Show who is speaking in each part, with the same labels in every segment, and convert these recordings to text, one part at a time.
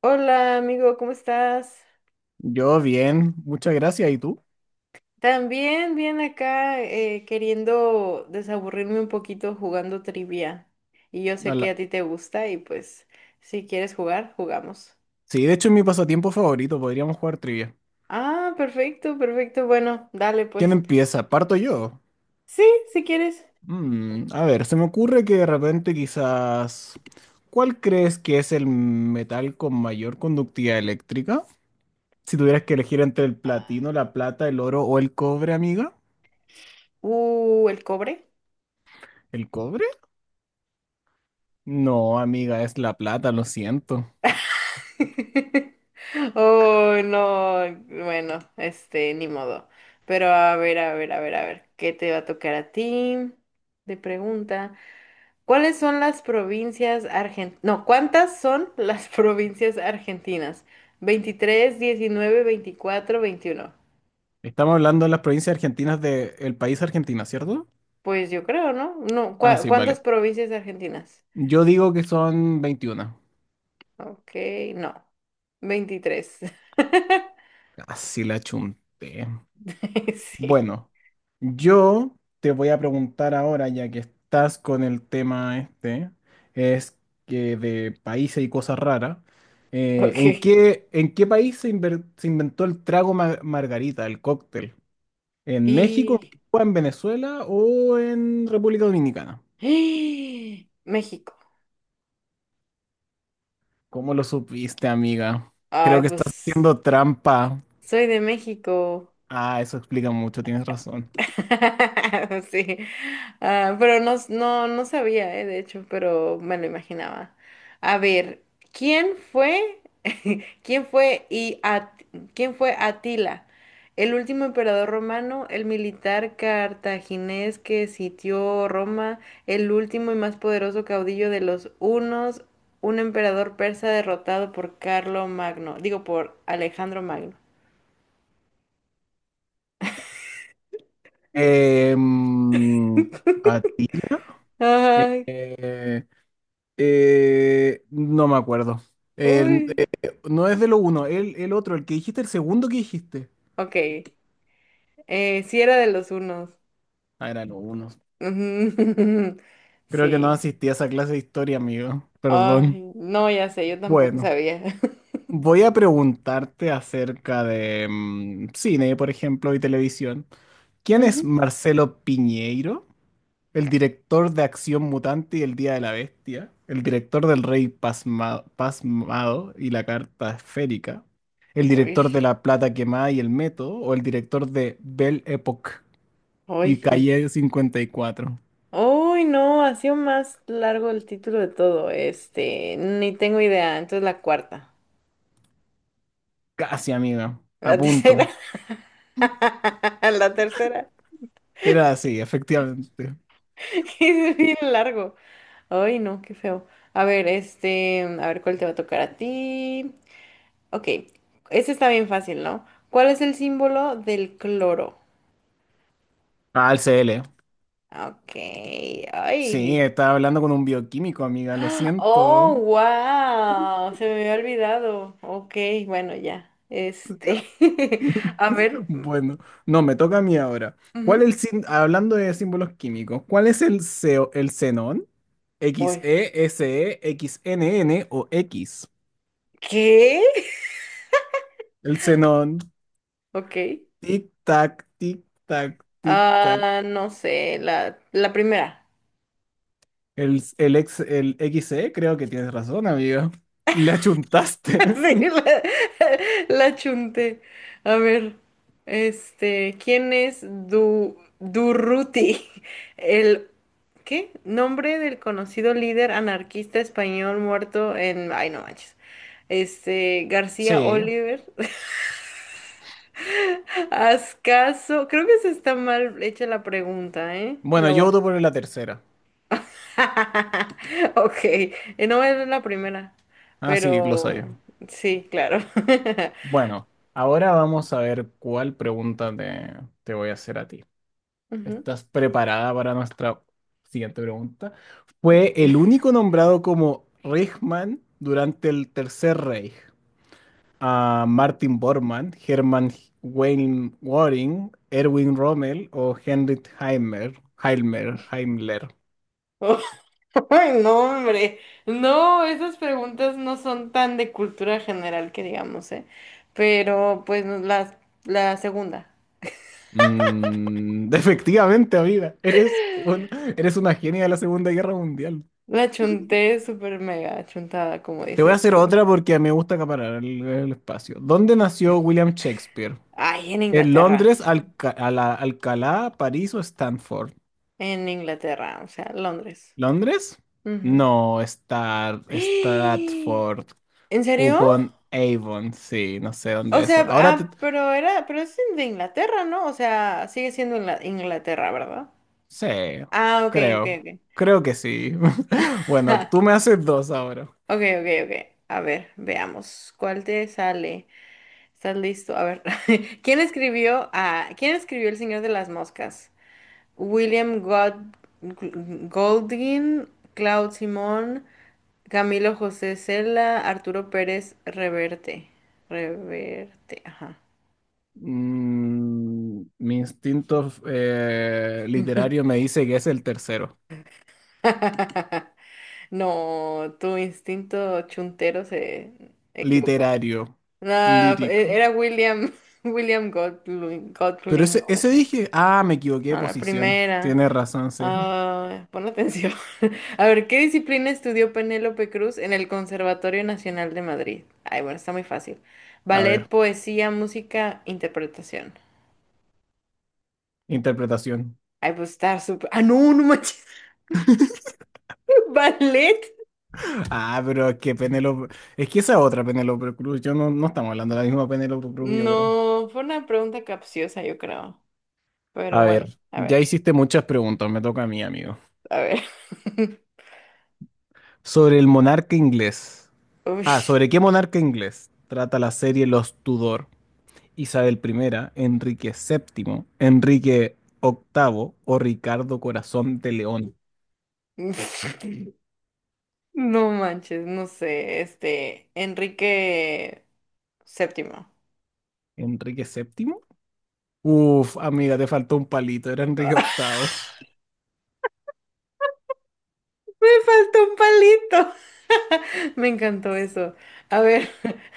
Speaker 1: Hola amigo, ¿cómo estás?
Speaker 2: Yo bien, muchas gracias. ¿Y tú?
Speaker 1: También bien acá queriendo desaburrirme un poquito jugando trivia. Y yo sé que a
Speaker 2: Ala-
Speaker 1: ti te gusta y pues si quieres jugar, jugamos.
Speaker 2: Sí, de hecho es mi pasatiempo favorito, podríamos jugar trivia.
Speaker 1: Ah, perfecto, perfecto. Bueno, dale
Speaker 2: ¿Quién
Speaker 1: pues.
Speaker 2: empieza? ¿Parto yo?
Speaker 1: Sí, si quieres.
Speaker 2: A ver, se me ocurre que de repente quizás... ¿Cuál crees que es el metal con mayor conductividad eléctrica? Si tuvieras que elegir entre el platino, la plata, el oro o el cobre, amiga.
Speaker 1: El cobre.
Speaker 2: ¿El cobre? No, amiga, es la plata, lo siento.
Speaker 1: Oh, no. Bueno, este, ni modo. Pero a ver, a ver, a ver, a ver. ¿Qué te va a tocar a ti? De pregunta. ¿Cuáles son las provincias argentinas? No, ¿cuántas son las provincias argentinas? 23, 19, 24, 21.
Speaker 2: Estamos hablando de las provincias argentinas del país Argentina, ¿cierto?
Speaker 1: Pues yo creo, ¿no? No,
Speaker 2: Ah, sí,
Speaker 1: ¿cuántas
Speaker 2: vale.
Speaker 1: provincias argentinas?
Speaker 2: Yo digo que son 21.
Speaker 1: Ok, no, 23.
Speaker 2: Así la chunté.
Speaker 1: Sí,
Speaker 2: Bueno, yo te voy a preguntar ahora, ya que estás con el tema este, es que de países y cosas raras.
Speaker 1: ok.
Speaker 2: ¿En qué país se, se inventó el trago margarita, el cóctel? ¿En México,
Speaker 1: Y
Speaker 2: o en Venezuela o en República Dominicana?
Speaker 1: México.
Speaker 2: ¿Cómo lo supiste, amiga? Creo
Speaker 1: Ay,
Speaker 2: que estás
Speaker 1: pues
Speaker 2: haciendo trampa.
Speaker 1: soy de México.
Speaker 2: Ah, eso explica mucho, tienes razón.
Speaker 1: Sí, ah, pero no, no, no sabía, de hecho, pero me lo imaginaba. A ver, ¿quién fue, quién fue y At- quién fue Atila, el último emperador romano, el militar cartaginés que sitió Roma, el último y más poderoso caudillo de los hunos, un emperador persa derrotado por Carlo Magno, digo por Alejandro Magno?
Speaker 2: Em, a Eh,
Speaker 1: Ay,
Speaker 2: eh, no me acuerdo. El-
Speaker 1: uy,
Speaker 2: eh, no es de lo uno, el otro, el que dijiste, el segundo que dijiste.
Speaker 1: ok. Sí era de los unos.
Speaker 2: Ah, era lo uno.
Speaker 1: Ujú.
Speaker 2: Creo que no
Speaker 1: Sí.
Speaker 2: asistí a esa clase de historia, amigo. Perdón.
Speaker 1: Ay, no, ya sé, yo tampoco
Speaker 2: Bueno,
Speaker 1: sabía.
Speaker 2: voy a preguntarte acerca de cine, por ejemplo, y televisión. ¿Quién es
Speaker 1: Ujú.
Speaker 2: Marcelo Piñeiro? El director de Acción Mutante y El Día de la Bestia. El director del Rey Pasmado y la Carta Esférica. El
Speaker 1: Uy,
Speaker 2: director de La Plata Quemada y El Método. O el director de Belle Époque y
Speaker 1: uy.
Speaker 2: Calle 54.
Speaker 1: Uy, no, ha sido más largo el título de todo. Este, ni tengo idea. Entonces la cuarta.
Speaker 2: Casi, amiga. A
Speaker 1: La tercera.
Speaker 2: punto.
Speaker 1: La tercera.
Speaker 2: Era así, efectivamente.
Speaker 1: Es bien largo. Ay, no, qué feo. A ver, este, a ver cuál te va a tocar a ti. Ok, este está bien fácil, ¿no? ¿Cuál es el símbolo del cloro?
Speaker 2: Ah, el CL.
Speaker 1: Ok, ay.
Speaker 2: Sí, estaba hablando con un bioquímico, amiga. Lo
Speaker 1: ¡Ah!
Speaker 2: siento.
Speaker 1: Oh, wow, se me había olvidado. Ok, bueno, ya. Este, a ver,
Speaker 2: Bueno, no, me toca a mí ahora. ¿Cuál
Speaker 1: ujú.
Speaker 2: el hablando de símbolos químicos, cuál es el Seo, el xenón? ¿X
Speaker 1: Uy,
Speaker 2: E S E, X N N o X?
Speaker 1: ¿qué?
Speaker 2: El xenón,
Speaker 1: Ok.
Speaker 2: tic tac, tic tac, tic tac.
Speaker 1: Ah, no sé, la primera.
Speaker 2: El XE, creo que tienes razón, amigo. Le achuntaste.
Speaker 1: Sí, la chunté. A ver, este, ¿quién es Durruti? El, ¿qué? Nombre del conocido líder anarquista español muerto en, ay, no manches, este, García
Speaker 2: Sí.
Speaker 1: Oliver. Haz creo que se está mal hecha la pregunta, ¿eh?
Speaker 2: Bueno, yo voto por la tercera.
Speaker 1: Ok, no es la primera,
Speaker 2: Ah, sí, lo
Speaker 1: pero
Speaker 2: sabía.
Speaker 1: sí, claro.
Speaker 2: Bueno, ahora vamos a ver cuál pregunta te voy a hacer a ti.
Speaker 1: Ujú.
Speaker 2: ¿Estás preparada para nuestra siguiente pregunta? Fue el único nombrado como Reichsmann durante el Tercer Reich. A Martin Bormann, Hermann Weyl Göring, Erwin Rommel o Heinrich Himmler. Himmler, Himmler.
Speaker 1: Ay, no, hombre. No, esas preguntas no son tan de cultura general que digamos, ¿eh? Pero pues no, la segunda.
Speaker 2: Efectivamente, amiga, eres una genia de la Segunda Guerra Mundial.
Speaker 1: La chunté súper mega chuntada, como
Speaker 2: Te voy a
Speaker 1: dices
Speaker 2: hacer
Speaker 1: tú.
Speaker 2: otra porque me gusta acaparar el espacio. ¿Dónde nació William Shakespeare?
Speaker 1: Ay, en
Speaker 2: ¿En
Speaker 1: Inglaterra.
Speaker 2: Londres, Alcalá, París o Stanford?
Speaker 1: En Inglaterra, o sea, Londres.
Speaker 2: ¿Londres?
Speaker 1: Ujú.
Speaker 2: No, Stratford,
Speaker 1: ¿En serio?
Speaker 2: upon Avon, sí, no sé
Speaker 1: O
Speaker 2: dónde es
Speaker 1: sea,
Speaker 2: eso. Ahora te...
Speaker 1: ah, pero es de Inglaterra, ¿no? O sea, sigue siendo Inglaterra, ¿verdad?
Speaker 2: Sí,
Speaker 1: Ah, ok, ok,
Speaker 2: creo,
Speaker 1: ok.
Speaker 2: creo que sí. Bueno, tú me haces dos ahora.
Speaker 1: Ok, ok, ok. A ver, veamos. ¿Cuál te sale? ¿Estás listo? A ver. ¿Quién escribió El Señor de las Moscas? William God- Goldwyn, Claude Simón, Camilo José Cela, Arturo Pérez Reverte. Reverte, ajá.
Speaker 2: Mi instinto literario me dice que es el tercero.
Speaker 1: No, tu instinto chuntero se equivocó.
Speaker 2: Literario,
Speaker 1: No,
Speaker 2: lírico.
Speaker 1: era William, William Godwin,
Speaker 2: Pero
Speaker 1: Godwin.
Speaker 2: ese,
Speaker 1: ¿No?
Speaker 2: ese dije, ah, me equivoqué de
Speaker 1: No, la
Speaker 2: posición.
Speaker 1: primera.
Speaker 2: Tienes razón, sí. Sí.
Speaker 1: Ah, pon atención. A ver, ¿qué disciplina estudió Penélope Cruz en el Conservatorio Nacional de Madrid? Ay, bueno, está muy fácil.
Speaker 2: A
Speaker 1: Ballet,
Speaker 2: ver.
Speaker 1: poesía, música, interpretación.
Speaker 2: Interpretación.
Speaker 1: Ay, pues está súper. Ah, no, no manches. ¿Ballet?
Speaker 2: Ah, pero es que Penélope. Es que esa otra Penélope Cruz. Yo no estamos hablando de la misma Penélope Cruz, yo creo.
Speaker 1: No, fue una pregunta capciosa, yo creo. Pero
Speaker 2: A
Speaker 1: bueno,
Speaker 2: ver,
Speaker 1: a
Speaker 2: ya
Speaker 1: ver,
Speaker 2: hiciste muchas preguntas, me toca a mí, amigo.
Speaker 1: a ver.
Speaker 2: Sobre el monarca inglés. Ah, ¿sobre qué monarca inglés trata la serie Los Tudor? Isabel primera, Enrique VII, Enrique VIII o Ricardo Corazón de León.
Speaker 1: Uy. No manches, no sé. Este, Enrique Séptimo.
Speaker 2: ¿Enrique VII? Uf, amiga, te faltó un palito, era Enrique VIII.
Speaker 1: Falta un palito. Me encantó eso. A ver,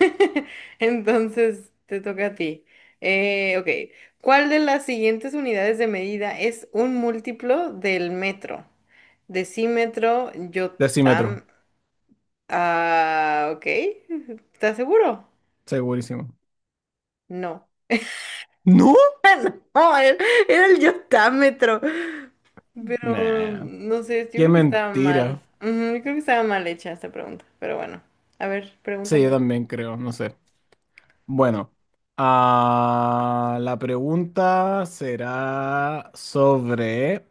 Speaker 1: entonces te toca a ti. Ok, ¿cuál de las siguientes unidades de medida es un múltiplo del metro? Decímetro,
Speaker 2: Decímetro,
Speaker 1: yotam... Ah, ok, ¿estás seguro?
Speaker 2: segurísimo.
Speaker 1: No.
Speaker 2: ¿No?
Speaker 1: Oh, era el yotámetro. Pero
Speaker 2: Nah.
Speaker 1: no sé, yo
Speaker 2: Qué
Speaker 1: creo que estaba mal.
Speaker 2: mentira.
Speaker 1: Ujú, yo creo que estaba mal hecha esta pregunta. Pero bueno, a ver,
Speaker 2: Sí, yo
Speaker 1: pregúntame.
Speaker 2: también creo, no sé. Bueno, ah, la pregunta será sobre,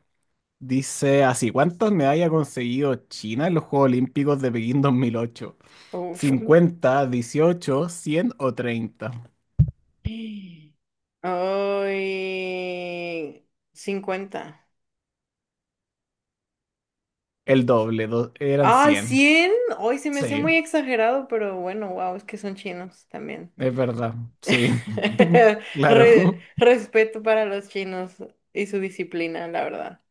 Speaker 2: dice así, ¿cuántas medallas ha conseguido China en los Juegos Olímpicos de Pekín 2008?
Speaker 1: Uf.
Speaker 2: 50, 18, 100 o 30.
Speaker 1: ¡Ay, 50!
Speaker 2: El doble, eran
Speaker 1: ¡Ay,
Speaker 2: 100.
Speaker 1: 100! Ay, se me hace
Speaker 2: Sí,
Speaker 1: muy exagerado, pero bueno, wow, es que son chinos también.
Speaker 2: es verdad, sí.
Speaker 1: Re-
Speaker 2: Claro.
Speaker 1: respeto para los chinos y su disciplina, la verdad.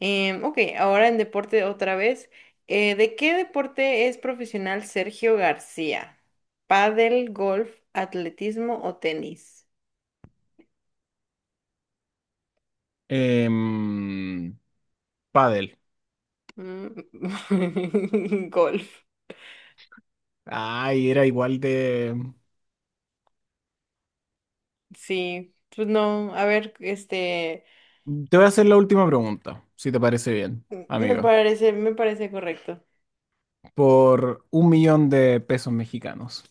Speaker 1: Ok, ahora en deporte otra vez. ¿De qué deporte es profesional Sergio García? ¿Pádel, golf, atletismo o tenis?
Speaker 2: Padel.
Speaker 1: Golf.
Speaker 2: Ay, era igual de...
Speaker 1: Sí, pues no, a ver, este,
Speaker 2: Te voy a hacer la última pregunta, si te parece bien,
Speaker 1: me
Speaker 2: amigo.
Speaker 1: parece, me parece correcto.
Speaker 2: Por un millón de pesos mexicanos.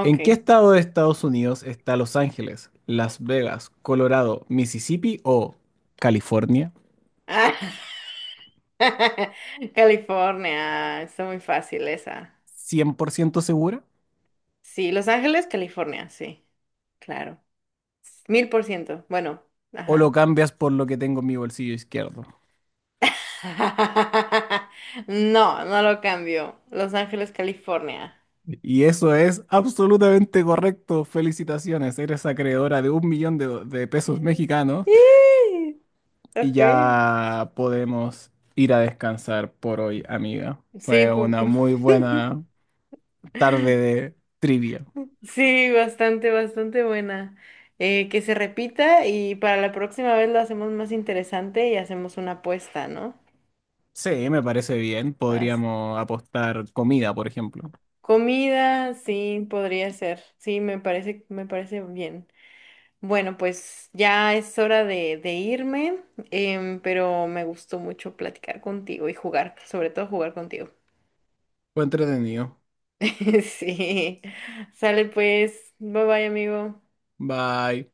Speaker 2: ¿En qué estado de Estados Unidos está Los Ángeles, Las Vegas, Colorado, Mississippi o California?
Speaker 1: Ah, California, está muy fácil esa.
Speaker 2: ¿100% segura?
Speaker 1: Sí, Los Ángeles, California, sí, claro. 1000%, bueno,
Speaker 2: ¿O lo
Speaker 1: ajá.
Speaker 2: cambias por lo que tengo en mi bolsillo izquierdo?
Speaker 1: No, no lo cambio. Los Ángeles, California.
Speaker 2: Y eso es absolutamente correcto. Felicitaciones, eres acreedora de un millón de, de pesos
Speaker 1: Eh,
Speaker 2: mexicanos.
Speaker 1: ¡Ih!
Speaker 2: Y
Speaker 1: Ok.
Speaker 2: ya podemos ir a descansar por hoy, amiga.
Speaker 1: Sí,
Speaker 2: Fue
Speaker 1: pues.
Speaker 2: una muy buena tarde de trivia.
Speaker 1: Sí, bastante, bastante buena. Que se repita y para la próxima vez lo hacemos más interesante y hacemos una apuesta, ¿no?
Speaker 2: Sí, me parece bien.
Speaker 1: Haz-
Speaker 2: Podríamos apostar comida, por ejemplo.
Speaker 1: comida, sí, podría ser. Sí, me parece bien. Bueno, pues ya es hora de, irme, pero me gustó mucho platicar contigo y jugar, sobre todo jugar contigo.
Speaker 2: Fue entretenido.
Speaker 1: Sí. Sale pues. Bye bye, amigo.
Speaker 2: Bye.